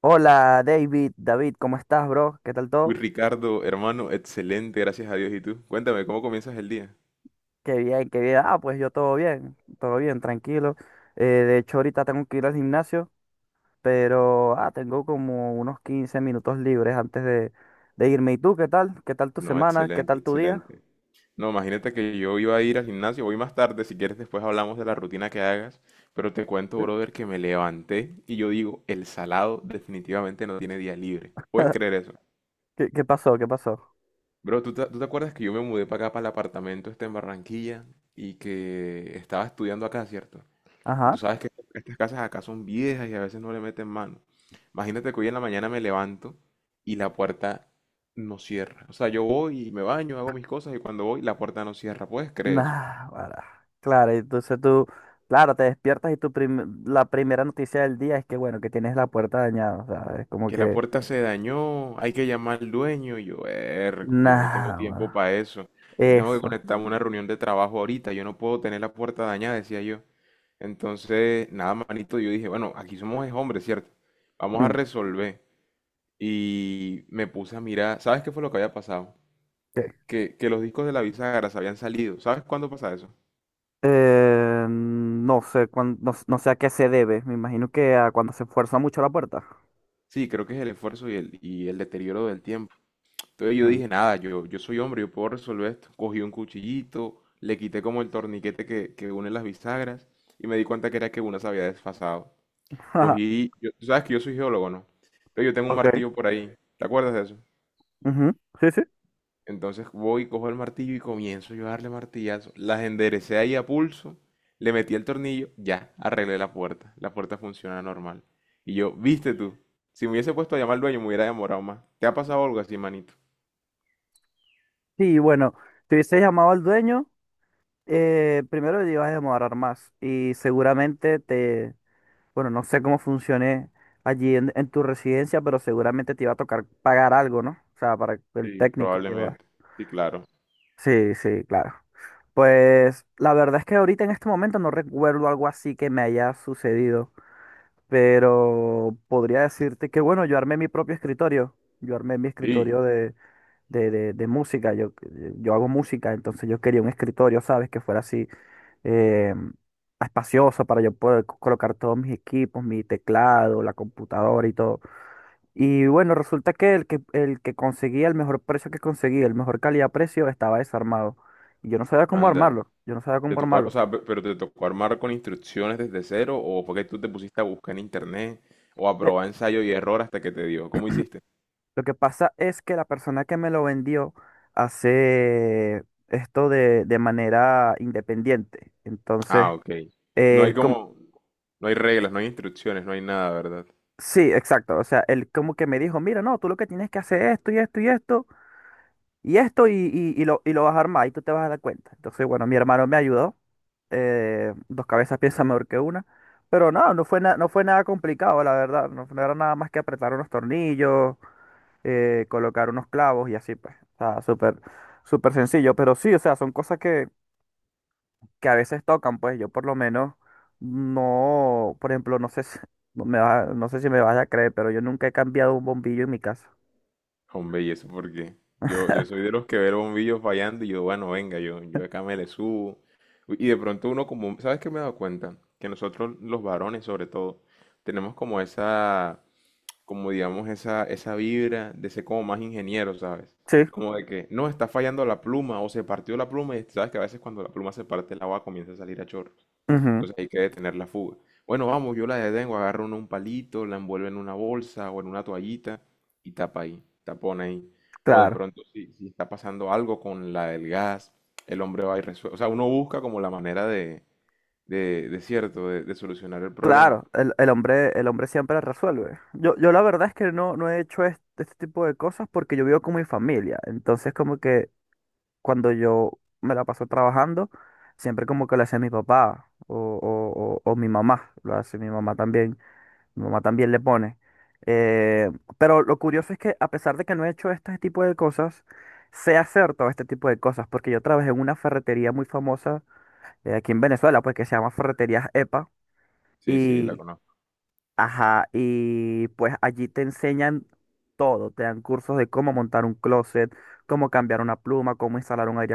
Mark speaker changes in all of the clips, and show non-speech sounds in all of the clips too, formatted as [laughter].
Speaker 1: Hola David, ¿cómo estás, bro? ¿Qué tal
Speaker 2: Uy,
Speaker 1: todo?
Speaker 2: Ricardo, hermano, excelente, gracias a Dios. ¿Y tú? Cuéntame, ¿cómo comienzas el día?
Speaker 1: Qué bien, qué bien. Pues yo todo bien, tranquilo. De hecho, ahorita tengo que ir al gimnasio, pero tengo como unos 15 minutos libres de irme. ¿Y tú qué tal? ¿Qué tal tu
Speaker 2: No,
Speaker 1: semana? ¿Qué
Speaker 2: excelente,
Speaker 1: tal tu día?
Speaker 2: excelente. No, imagínate que yo iba a ir al gimnasio, voy más tarde, si quieres después hablamos de la rutina que hagas, pero te cuento,
Speaker 1: ¿Eh?
Speaker 2: brother, que me levanté y yo digo, el salado definitivamente no tiene día libre. ¿Puedes creer eso?
Speaker 1: ¿Qué pasó? ¿Qué pasó?
Speaker 2: Bro, ¿tú te acuerdas que yo me mudé para acá, para el apartamento este en Barranquilla y que estaba estudiando acá, ¿cierto? Y
Speaker 1: Ajá.
Speaker 2: tú sabes que estas casas acá son viejas y a veces no le meten mano. Imagínate que hoy en la mañana me levanto y la puerta no cierra. O sea, yo voy y me baño, hago mis cosas y cuando voy la puerta no cierra. ¿Puedes creer eso?
Speaker 1: Nah, guara. Claro, claro, te despiertas y la primera noticia del día es que, bueno, que tienes la puerta dañada. O sea, es como
Speaker 2: Que la
Speaker 1: que,
Speaker 2: puerta se dañó, hay que llamar al dueño. Y yo, Hércules, yo no tengo
Speaker 1: nah,
Speaker 2: tiempo
Speaker 1: guara.
Speaker 2: para eso. Yo tengo que
Speaker 1: Eso.
Speaker 2: conectarme a una reunión de trabajo ahorita. Yo no puedo tener la puerta dañada, decía yo. Entonces, nada, manito, yo dije, bueno, aquí somos es hombres, ¿cierto? Vamos a
Speaker 1: Mm.
Speaker 2: resolver. Y me puse a mirar, ¿sabes qué fue lo que había pasado? Que los discos de la bisagra se habían salido. ¿Sabes cuándo pasa eso?
Speaker 1: No sé, no, no sé a qué se debe. Me imagino que a cuando se fuerza mucho la puerta.
Speaker 2: Sí, creo que es el esfuerzo y el deterioro del tiempo. Entonces yo
Speaker 1: Mm.
Speaker 2: dije, nada, yo soy hombre, yo puedo resolver esto. Cogí un cuchillito, le quité como el torniquete que une las bisagras y me di cuenta que era que una se había desfasado.
Speaker 1: [laughs]
Speaker 2: Cogí, tú sabes que yo soy geólogo, ¿no? Entonces yo tengo un
Speaker 1: Ok.
Speaker 2: martillo por ahí. ¿Te acuerdas de eso?
Speaker 1: Ujú, sí, sí.
Speaker 2: Entonces voy, cojo el martillo y comienzo yo a darle martillazo. Las enderecé ahí a pulso, le metí el tornillo, ya, arreglé la puerta. La puerta funciona normal. Y yo, viste tú, si me hubiese puesto a llamar al dueño me hubiera demorado más. ¿Te ha pasado algo así, manito?
Speaker 1: Sí, bueno, te hubiese llamado al dueño. Primero te ibas a demorar más y bueno, no sé cómo funcione en tu residencia, pero seguramente te iba a tocar pagar algo, ¿no? O sea, para el
Speaker 2: Sí,
Speaker 1: técnico que va.
Speaker 2: probablemente. Sí, claro.
Speaker 1: Sí, sí, claro. Pues la verdad es que ahorita en este momento no recuerdo algo así que me haya sucedido. Pero podría decirte que, bueno, yo armé mi propio escritorio. Yo armé mi escritorio
Speaker 2: Sí,
Speaker 1: de, de, de- de música. Yo hago música, entonces yo quería un escritorio, ¿sabes? Que fuera así eh, espacioso para yo poder colocar todos mis equipos, mi teclado, la computadora y todo. Y bueno, resulta que el que conseguía, el mejor calidad-precio, estaba desarmado. Y yo no sabía cómo
Speaker 2: anda.
Speaker 1: armarlo. Yo no sabía
Speaker 2: ¿Te
Speaker 1: cómo
Speaker 2: tocó, ar- O
Speaker 1: armarlo.
Speaker 2: sea, pero te tocó armar con instrucciones desde cero o fue que tú te pusiste a buscar en internet o a probar ensayo y error hasta que te dio? ¿Cómo hiciste?
Speaker 1: Lo que pasa es que la persona que me lo vendió hace esto de manera independiente.
Speaker 2: Ah,
Speaker 1: Entonces,
Speaker 2: ok. No hay
Speaker 1: él como,
Speaker 2: como, no hay reglas, no hay instrucciones, no hay nada, ¿verdad?
Speaker 1: sí, exacto. O sea, él como que me dijo, mira, no, tú lo que tienes que hacer es esto y esto y esto y esto y lo vas a armar y tú te vas a dar cuenta. Entonces, bueno, mi hermano me ayudó. Dos cabezas piensan mejor que una. Pero no, no fue nada complicado, la verdad. No, no era nada más que apretar unos tornillos, colocar unos clavos y así, pues. O sea, súper, súper sencillo. Pero sí, o sea, son cosas que a veces tocan, pues. Yo por lo menos no, por ejemplo, no sé si, [laughs] no sé si me vas a creer, pero yo nunca he cambiado un bombillo en mi casa.
Speaker 2: Hombre, y eso porque yo soy de los que ve el bombillo fallando y yo, bueno, venga, yo acá me le subo. Y de pronto uno como, ¿sabes qué me he dado cuenta? Que nosotros los varones sobre todo, tenemos como esa, como digamos, esa vibra de ser como más ingeniero, ¿sabes?
Speaker 1: Sí,
Speaker 2: Como de que, no, está fallando la pluma o se partió la pluma y sabes que a veces cuando la pluma se parte el agua comienza a salir a chorro.
Speaker 1: ujú,
Speaker 2: Entonces hay que detener la fuga. Bueno, vamos, yo la detengo, agarro un palito, la envuelvo en una bolsa o en una toallita y tapa ahí, tapona ahí. O de
Speaker 1: claro.
Speaker 2: pronto, si está pasando algo con la del gas, el hombre va y resuelve. O sea, uno busca como la manera de cierto, de solucionar el problema.
Speaker 1: Claro, el hombre siempre resuelve. Yo la verdad es que no, no he hecho este, este tipo de cosas porque yo vivo con mi familia. Entonces como que cuando yo me la paso trabajando, siempre como que lo hace mi papá o mi mamá, lo hace mi mamá también le pone. Eh, pero lo curioso es que a pesar de que no he hecho este tipo de cosas, sé hacer todo este tipo de cosas, porque yo trabajé en una ferretería muy famosa, aquí en Venezuela, pues, que se llama Ferreterías EPA,
Speaker 2: Sí, sí, la
Speaker 1: y,
Speaker 2: conozco.
Speaker 1: ajá, y pues allí te enseñan todo, te dan cursos de cómo montar un closet, cómo cambiar una pluma, cómo instalar un aire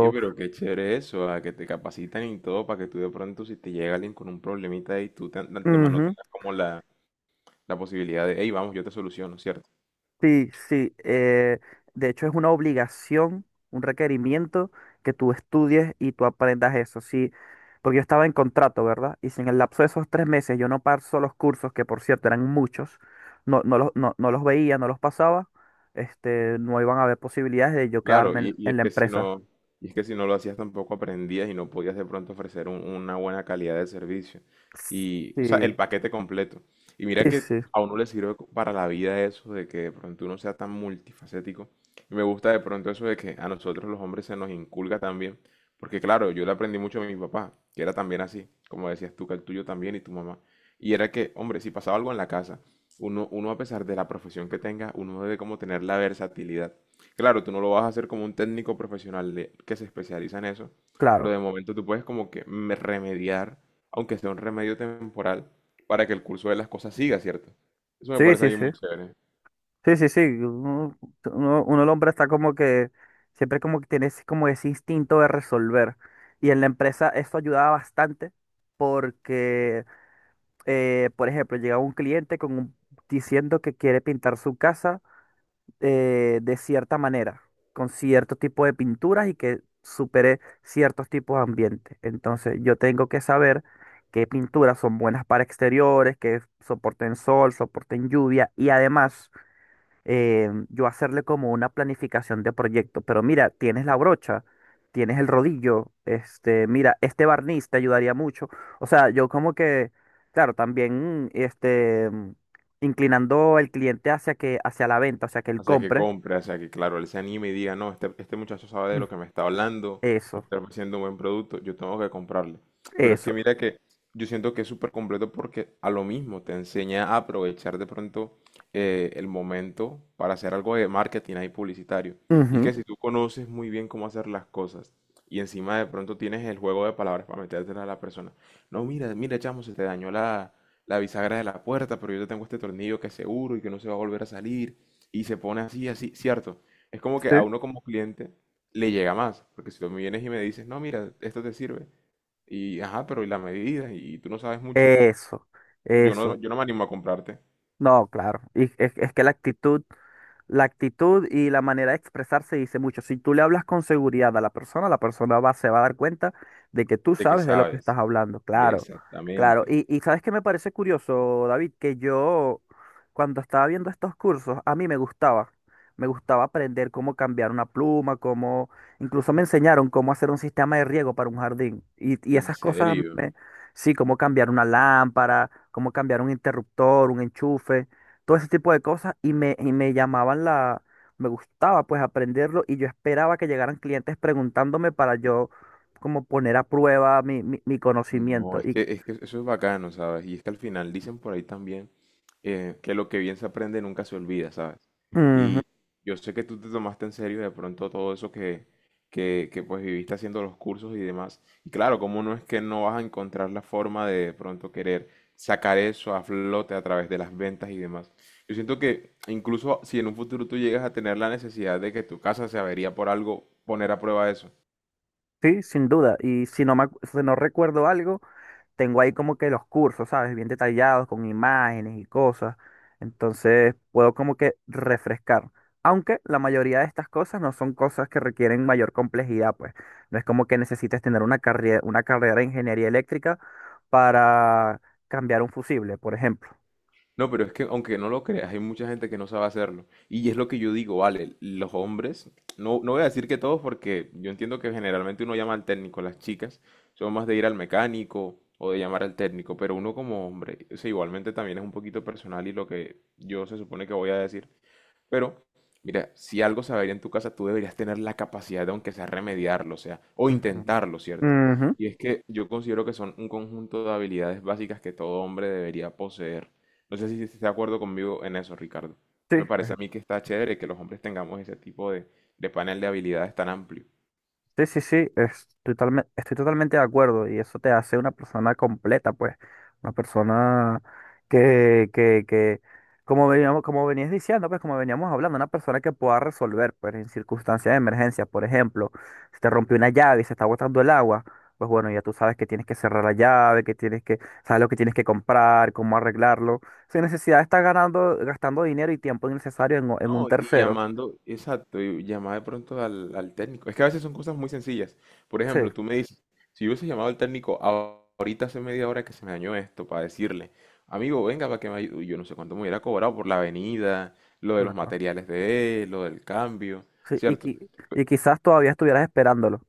Speaker 2: Oye, pero qué chévere eso, a que te capacitan y todo para que tú de pronto, si te llega alguien con un problemita y de antemano
Speaker 1: Ujú,
Speaker 2: tengas como la posibilidad de, hey, vamos, yo te soluciono, ¿cierto?
Speaker 1: sí, sí. De hecho, es una obligación, un requerimiento que tú estudies y tú aprendas eso. Sí, porque yo estaba en contrato, ¿verdad? Y si en el lapso de esos 3 meses yo no paso los cursos, que por cierto eran muchos, no, no los veía, no los pasaba, este, no iban a haber posibilidades de yo
Speaker 2: Claro,
Speaker 1: quedarme
Speaker 2: y, y
Speaker 1: en
Speaker 2: es
Speaker 1: la
Speaker 2: que si
Speaker 1: empresa.
Speaker 2: no, y es que si no lo hacías tampoco aprendías y no podías de pronto ofrecer una buena calidad de servicio. Y, o sea,
Speaker 1: Sí,
Speaker 2: el paquete completo. Y mira
Speaker 1: sí,
Speaker 2: que
Speaker 1: sí,
Speaker 2: a uno le sirve para la vida eso de que de pronto uno sea tan multifacético. Y me gusta de pronto eso de que a nosotros los hombres se nos inculca también. Porque claro, yo le aprendí mucho a mi papá, que era también así, como decías tú, que el tuyo también y tu mamá. Y era que, hombre, si pasaba algo en la casa, uno a pesar de la profesión que tenga, uno debe como tener la versatilidad. Claro, tú no lo vas a hacer como un técnico profesional que se especializa en eso, pero
Speaker 1: claro.
Speaker 2: de momento tú puedes como que remediar, aunque sea un remedio temporal, para que el curso de las cosas siga, ¿cierto? Eso me
Speaker 1: Sí, sí,
Speaker 2: parece a
Speaker 1: sí.
Speaker 2: muy chévere.
Speaker 1: Sí, sí, sí. Uno, el hombre está como que siempre como que tiene como ese instinto de resolver. Y en la empresa eso ayudaba bastante porque, por ejemplo, llegaba un cliente diciendo que quiere pintar su casa, de cierta manera, con cierto tipo de pinturas y que supere ciertos tipos de ambientes. Entonces yo tengo que saber qué pinturas son buenas para exteriores, que soporten sol, soporten lluvia y además, yo hacerle como una planificación de proyecto. Pero mira, tienes la brocha, tienes el rodillo, este, mira, este barniz te ayudaría mucho. O sea, yo como que, claro, también, inclinando el cliente hacia hacia la venta, o sea, que él
Speaker 2: Hacia que
Speaker 1: compre.
Speaker 2: compre, hacia que, claro, él se anime y diga, no, este muchacho sabe de
Speaker 1: Mm.
Speaker 2: lo que me está hablando, me
Speaker 1: Eso,
Speaker 2: está ofreciendo un buen producto, yo tengo que comprarle. Pero es
Speaker 1: eso.
Speaker 2: que mira que yo siento que es súper completo porque a lo mismo te enseña a aprovechar de pronto el momento para hacer algo de marketing ahí publicitario. Y es
Speaker 1: Ujú,
Speaker 2: que si tú conoces muy bien cómo hacer las cosas y encima de pronto tienes el juego de palabras para metértela a la persona, no, mira, mira, chamo, se te dañó la, la bisagra de la puerta, pero yo te tengo este tornillo que es seguro y que no se va a volver a salir y se pone así, así, cierto. Es como que
Speaker 1: sí.
Speaker 2: a uno como cliente le llega más, porque si tú me vienes y me dices, no, mira, esto te sirve, y ajá, pero y la medida, y tú no sabes mucho,
Speaker 1: Eso,
Speaker 2: yo no,
Speaker 1: eso.
Speaker 2: yo no me animo a comprarte.
Speaker 1: No, claro. Y es que la actitud y la manera de expresarse dice mucho. Si tú le hablas con seguridad a la persona va, se va a dar cuenta de que tú
Speaker 2: ¿De qué
Speaker 1: sabes de lo que
Speaker 2: sabes?
Speaker 1: estás hablando. Claro, claro.
Speaker 2: Exactamente.
Speaker 1: Y sabes que me parece curioso, David, que yo cuando estaba viendo estos cursos, a mí me gustaba. Me gustaba aprender cómo cambiar una pluma, cómo, incluso me enseñaron cómo hacer un sistema de riego para un jardín. Y
Speaker 2: En
Speaker 1: esas cosas,
Speaker 2: serio.
Speaker 1: me- sí, cómo cambiar una lámpara, cómo cambiar un interruptor, un enchufe, todo ese tipo de cosas y me llamaban me gustaba pues aprenderlo y yo esperaba que llegaran clientes preguntándome para yo como poner a prueba mi
Speaker 2: No,
Speaker 1: conocimiento. Y
Speaker 2: es que eso es bacano, ¿sabes? Y es que al final dicen por ahí también que lo que bien se aprende nunca se olvida, ¿sabes?
Speaker 1: ujú,
Speaker 2: Y yo sé que tú te tomaste en serio de pronto todo eso que, que pues viviste haciendo los cursos y demás. Y claro, como no es que no vas a encontrar la forma de pronto querer sacar eso a flote a través de las ventas y demás? Yo siento que incluso si en un futuro tú llegas a tener la necesidad de que tu casa se avería por algo, poner a prueba eso.
Speaker 1: sí, sin duda. Y si si no recuerdo algo, tengo ahí como que los cursos, ¿sabes? Bien detallados, con imágenes y cosas. Entonces puedo como que refrescar. Aunque la mayoría de estas cosas no son cosas que requieren mayor complejidad, pues. No es como que necesites tener una carrera de ingeniería eléctrica para cambiar un fusible, por ejemplo.
Speaker 2: No, pero es que aunque no lo creas, hay mucha gente que no sabe hacerlo. Y es lo que yo digo, vale, los hombres, no, no voy a decir que todos porque yo entiendo que generalmente uno llama al técnico, las chicas son más de ir al mecánico o de llamar al técnico, pero uno como hombre, o sea, igualmente también es un poquito personal y lo que yo se supone que voy a decir, pero, mira, si algo se va a ir en tu casa, tú deberías tener la capacidad de, aunque sea remediarlo, o sea, o
Speaker 1: Ujú.
Speaker 2: intentarlo, ¿cierto?
Speaker 1: Ujú,
Speaker 2: Y es que yo considero que son un conjunto de habilidades básicas que todo hombre debería poseer. No sé si estás de acuerdo conmigo en eso, Ricardo.
Speaker 1: Sí,
Speaker 2: Me parece a
Speaker 1: es
Speaker 2: mí que está chévere que los hombres tengamos ese tipo de panel de habilidades tan amplio.
Speaker 1: sí, sí, sí, estoy totalmente de acuerdo y eso te hace una persona completa, pues, una persona que, como veníamos, como venías diciendo, pues, como veníamos hablando, una persona que pueda resolver, pues, en circunstancias de emergencia, por ejemplo, si te rompió una llave y se está botando el agua, pues, bueno, ya tú sabes que tienes que cerrar la llave, sabes lo que tienes que comprar, cómo arreglarlo, sin necesidad de estar gastando dinero y tiempo innecesario en un
Speaker 2: No, y
Speaker 1: tercero.
Speaker 2: llamando, exacto, y llamar de pronto al, al técnico. Es que a veces son cosas muy sencillas. Por
Speaker 1: Sí,
Speaker 2: ejemplo, tú me dices, si yo hubiese llamado al técnico ahorita hace media hora que se me dañó esto, para decirle, amigo, venga para que me ayude. Yo no sé cuánto me hubiera cobrado por la venida, lo de los
Speaker 1: claro.
Speaker 2: materiales de él, lo del cambio,
Speaker 1: Sí, y,
Speaker 2: ¿cierto?
Speaker 1: qui- y quizás todavía estuvieras esperándolo.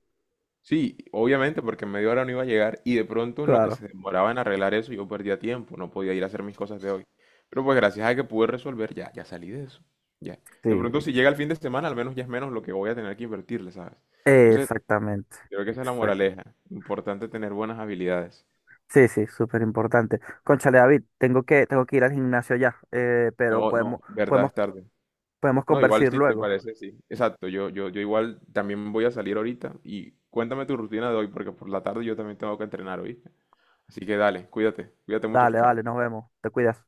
Speaker 2: Sí, obviamente, porque en media hora no iba a llegar y de pronto en lo que
Speaker 1: Claro.
Speaker 2: se demoraba en arreglar eso yo perdía tiempo, no podía ir a hacer mis cosas de hoy. Pero pues gracias a que pude resolver, ya, ya salí de eso. Ya. De
Speaker 1: Sí,
Speaker 2: pronto si llega el fin de semana, al menos ya es menos lo que voy a tener que invertirle, ¿sabes? Entonces,
Speaker 1: exactamente.
Speaker 2: creo que esa es la
Speaker 1: Exacto.
Speaker 2: moraleja. Importante tener buenas habilidades.
Speaker 1: Sí, sí, súper importante. Cónchale, David, tengo tengo que ir al gimnasio ya, pero
Speaker 2: No, no, verdad
Speaker 1: podemos,
Speaker 2: es tarde.
Speaker 1: podemos
Speaker 2: No, igual
Speaker 1: conversar
Speaker 2: si te
Speaker 1: luego.
Speaker 2: parece, sí. Exacto, yo igual también voy a salir ahorita y cuéntame tu rutina de hoy, porque por la tarde yo también tengo que entrenar, ¿oíste? Así que dale, cuídate, cuídate mucho,
Speaker 1: Dale,
Speaker 2: Ricardo.
Speaker 1: dale, nos vemos. Te cuidas.